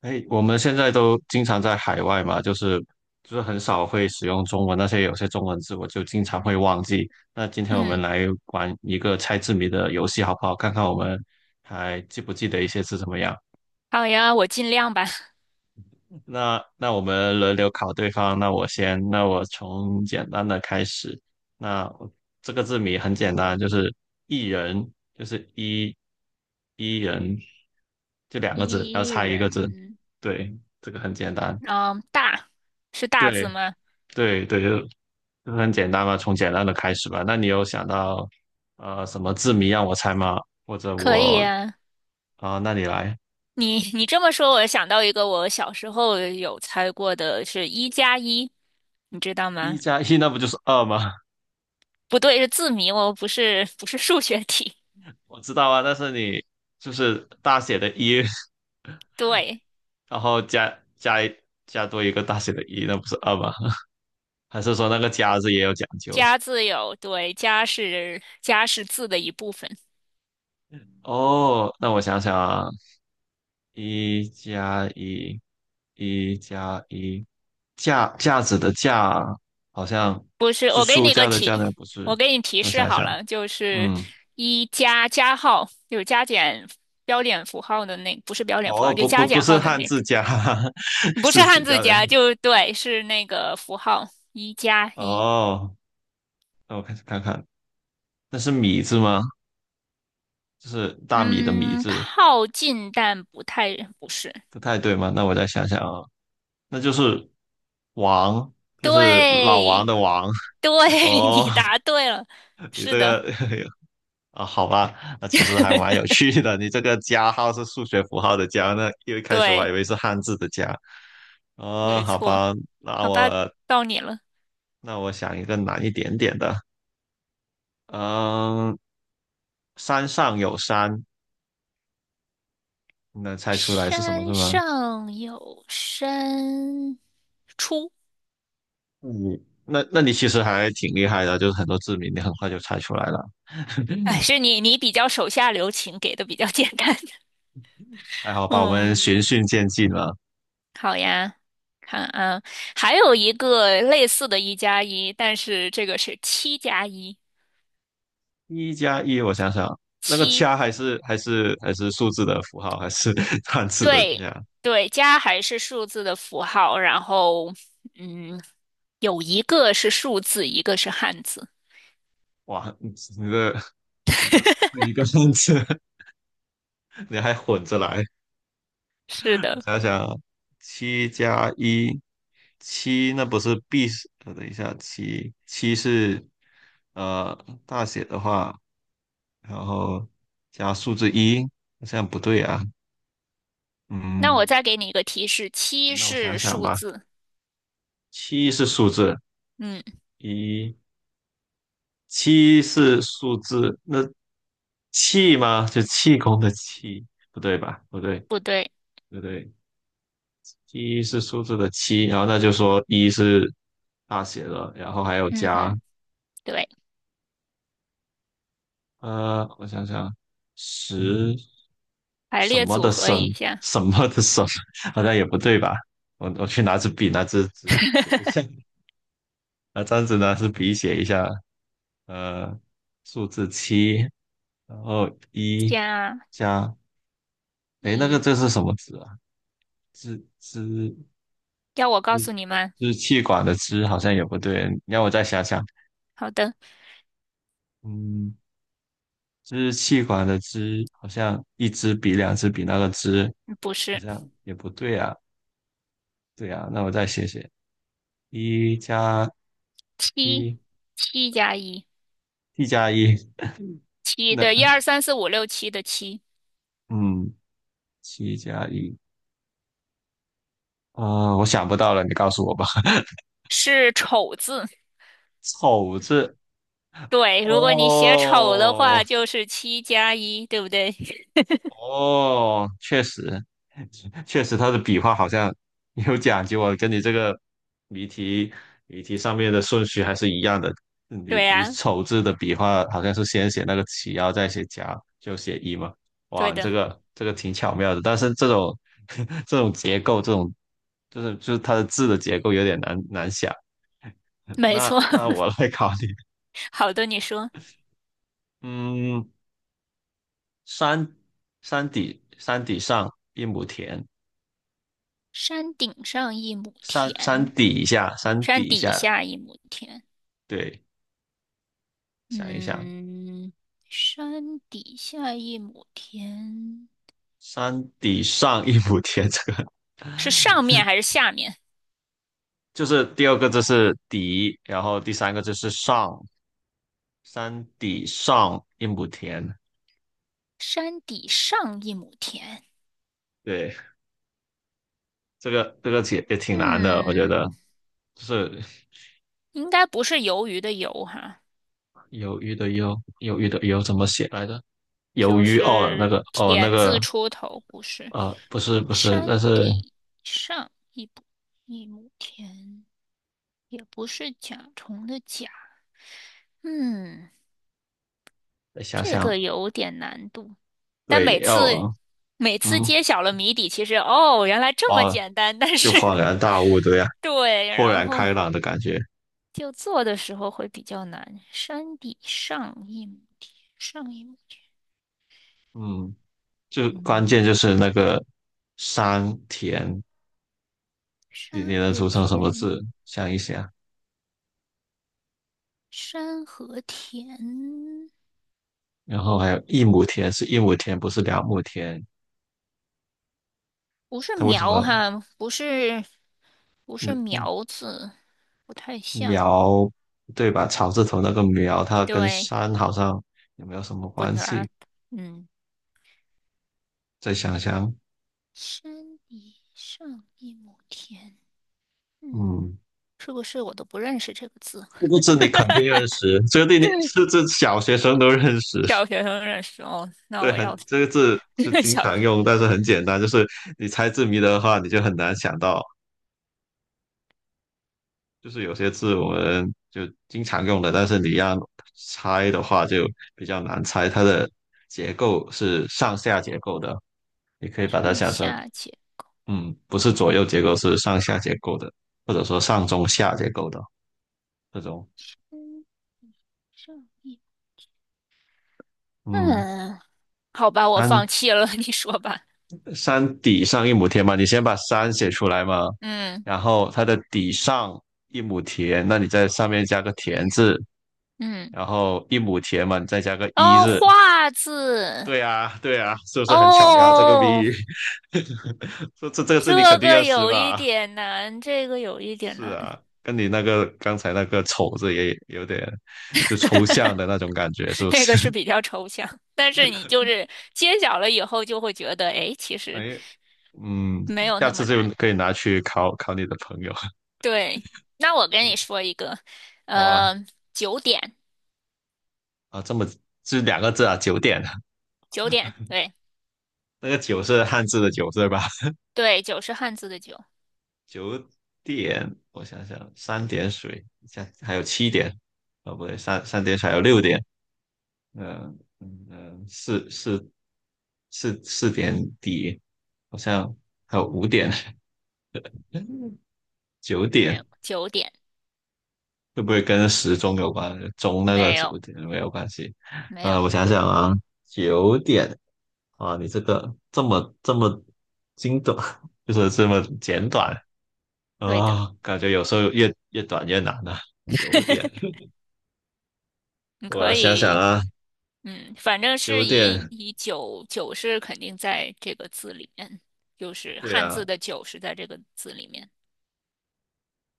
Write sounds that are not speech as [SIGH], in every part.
哎，我们现在都经常在海外嘛，就是很少会使用中文，那些有些中文字我就经常会忘记。那今天我们嗯，来玩一个猜字谜的游戏，好不好？看看我们还记不记得一些字怎么样？好呀，我尽量吧。[LAUGHS] 那我们轮流考对方，那我先，那我从简单的开始。那我这个字谜很简单，就是一人，就是一人，就两个字，要一猜一个字。人，对，这个很简单。嗯，大，是大字对，吗？对对，就很简单嘛，从简单的开始吧。那你有想到什么字谜让我猜吗？或者可以我呀。啊、那你来，你这么说，我想到一个我小时候有猜过的是一加一，你知道一吗？加一那不就是二吗？不对，是字谜哦，不是不是数学题。[LAUGHS] 我知道啊，但是你就是大写的一，[LAUGHS] 对，[LAUGHS] 然后加加多一个大写的一，那不是二吗？[LAUGHS] 还是说那个加字也有讲究？加字有，对，加是字的一部分。哦，那我想想啊，一加一，一加一，架子的架好像不是，是书架的架，那不是？我给你提我示想好想，了，就是嗯，一加加号，有加减标点符号的那，不是标点符哦，号，就加不减是号的汉那个，字架，[LAUGHS] 不是是指汉字标的。加，就对，是那个符号一加一。哦，那我开始看看，那是米字吗？就是大米的米嗯，字，靠近但不太，不是，不太对吗？那我再想想啊，那就是王，就是老王对，的王。[LAUGHS] 对，[LAUGHS] 你哦，答对了，你是这的，个 [LAUGHS] 啊，好吧，那其实还蛮有 [LAUGHS] 趣的。你这个加号是数学符号的加，那因为一开始我还以对，为是汉字的加。啊、没好错，吧，那好吧，我到你了。那我想一个难一点点的。嗯，山上有山，你能猜出来是什么是山吗？上有山，出。嗯，那你其实还挺厉害的，就是很多字谜你很快就猜出来了。哎，[LAUGHS] 是你比较手下留情，给的比较简单。还好 [LAUGHS] 吧，我们嗯，循序渐进了。好呀，看啊，还有一个类似的一加一，但是这个是七加一，一加一，我想想，那个七，加还是数字的符号，还是 [LAUGHS] 汉字的对加？对，加还是数字的符号，然后嗯，有一个是数字，一个是汉字。哇，你的一个数字一个汉字，[LAUGHS] 你还混着来。是我的，想想啊，七加一，七那不是 B 是？等一下，七是呃大写的话，然后加数字一，这样不对啊。那我嗯，再给你一个提示，七那我想是想数吧，字，七是数字嗯，一，七是数字，那气吗？就气功的气，不对吧？不对，不对，不对。一是数字的七，然后那就说一是大写的，然后还有嗯加嗯，对。我想想，十排什列么组的合什一下，什么的什，[LAUGHS] 好像也不对吧？我去拿支笔，拿支纸写一下，拿张纸，拿支笔写一下，呃，数字七，然后一加加，诶，那个一。这是什么字啊？支支要我告支诉你们？支气管的支好像也不对，你让我再想想，好的，嗯。支气管的支，好像一支比两支比那个支，不好是像也不对啊。对啊，那我再写写，一加七，一七加一，，t 加一，七，对，一那二三四五六七的七嗯，七加一，啊、我想不到了，你告诉我吧。[LAUGHS] 是丑字。丑字对，如果你写丑的哦。话，就是七加一，对不对？[LAUGHS] 哦，确实，确实，他的笔画好像有讲究啊，跟你这个谜题谜题上面的顺序还是一样的。你对你呀，丑字的笔画好像是先写那个起，然后再写夹，就写一嘛。哇，对你这的，个这个挺巧妙的，但是这种 [LAUGHS] 这种结构，这种就是它的字的结构有点难想。没错。那我 [LAUGHS] 来考你，好的，你说，嗯，山山底上一亩田，山顶上一亩山山田，底下，山山底底下，下一亩田。对，想一想，嗯，山底下一亩田山底上一亩田，这个是上面还是下面？就是第二个字是底，然后第三个字是上，山底上一亩田，山底上一亩田，对，这个也挺难的，我觉得嗯，就是应该不是鱿鱼的鱿哈，鱿鱼的鱿，鱿鱼的鱿怎么写来着？鱿就鱼哦，那是个哦那田字个出头，不是。不是，山但是底上一亩田，也不是甲虫的甲，嗯，再想这想，个有点难度。但每对，次要每次嗯揭晓了谜底，其实哦，原来这么哦，简单，但就恍是 然大 [LAUGHS] 悟，对呀、对，豁然然后。开朗的感觉。就做的时候会比较难。山底上一亩田，上一亩地，嗯，就关嗯，键就是那个山田，你山能和组成什么字？田，想一想，山和田，然后还有一亩田是一亩田，不是两亩田。不是它为什苗么哈，不是不嗯是嗯苗字，不太像。苗对吧？草字头那个苗，它跟对，山好像也没有什么不关系。难。嗯，再想想，山底上一亩田，嗯，嗯，是不是我都不认识这个字？这个字你肯定认识，这个字你是 [LAUGHS] 这小学生都认识。小学生认识哦，那对，我要 很这个字是 [LAUGHS] 经小常用，但是很简单，就是你猜字谜的话，你就很难想到。就是有些字我们就经常用的，但是你要猜的话就比较难猜。它的结构是上下结构的，你可以把它上想成，下简，嗯，不是左右结构，是上下结构的，或者说上中下结构的这种。嗯，上。一。嗯，嗯，好吧，我山放弃了，[LAUGHS] 你说吧。山底上一亩田嘛，你先把山写出来嘛，嗯然后它的底上一亩田，那你在上面加个田字，嗯，然后一亩田嘛，你再加个一哦，字，画字，对啊，对啊，是不是很巧妙这个谜哦，语？[LAUGHS] 这字你肯这定个要识有一吧？点难，这个有一点是难，啊，跟你那个刚才那个丑字也有点就抽象的那种感觉，是 [LAUGHS] 不这是？个是比较抽象，但是你就是揭晓了以后，就会觉得，哎，其 [LAUGHS] 实哎，嗯，没有下那次么就难。可以拿去考考你的朋友，对，那我跟你说一个，好啊呃，九点，啊，这么是两个字啊，九点，九点，对那个九是汉字的九对吧？对，九是汉字的九，九点，我想想，三点水，下还有七点，哦不对，三点水还有六点，嗯嗯嗯，四四四点底，好像还有五点、九没点，有，九点，会不会跟时钟有关？钟那个没九有点没有关系。没我有，想想啊，九点啊，你这个这么精短，就是这么简短对的，啊，感觉有时候越短越难啊。九点，你我可想想以。啊，嗯，反正九是以点，以九是肯定在这个字里面，就是对汉字啊，的九是在这个字里面。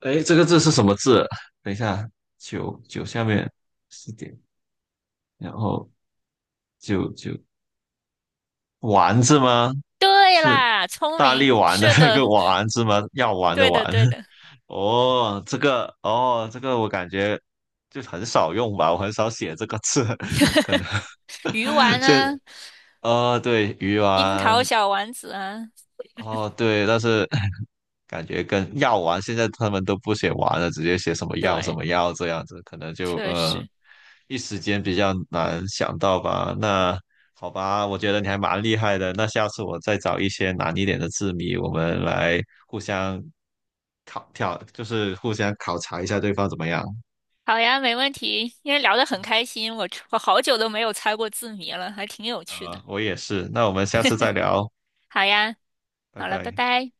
哎，这个字是什么字？等一下，九下面四点，然后九丸子吗？对是啦，聪大力明，丸的是那的，个丸子吗？[LAUGHS] 药丸的对丸。的，对 [LAUGHS] 的。哦，这个哦，这个我感觉就很少用吧，我很少写这个字，[LAUGHS] 可能 鱼 [LAUGHS] 丸这啊，对鱼樱丸，桃小丸子啊，哦，对，但是 [LAUGHS] 感觉跟药丸现在他们都不写丸了，直接写什么药什对，么药这样子，可能就确实。一时间比较难想到吧。那好吧，我觉得你还蛮厉害的。那下次我再找一些难一点的字谜，我们来互相考挑，就是互相考察一下对方怎么样。好呀，没问题，因为聊得很开心，我好久都没有猜过字谜了，还挺有趣的。我也是。那我们下次再聊，好呀，拜好了，拜拜。拜。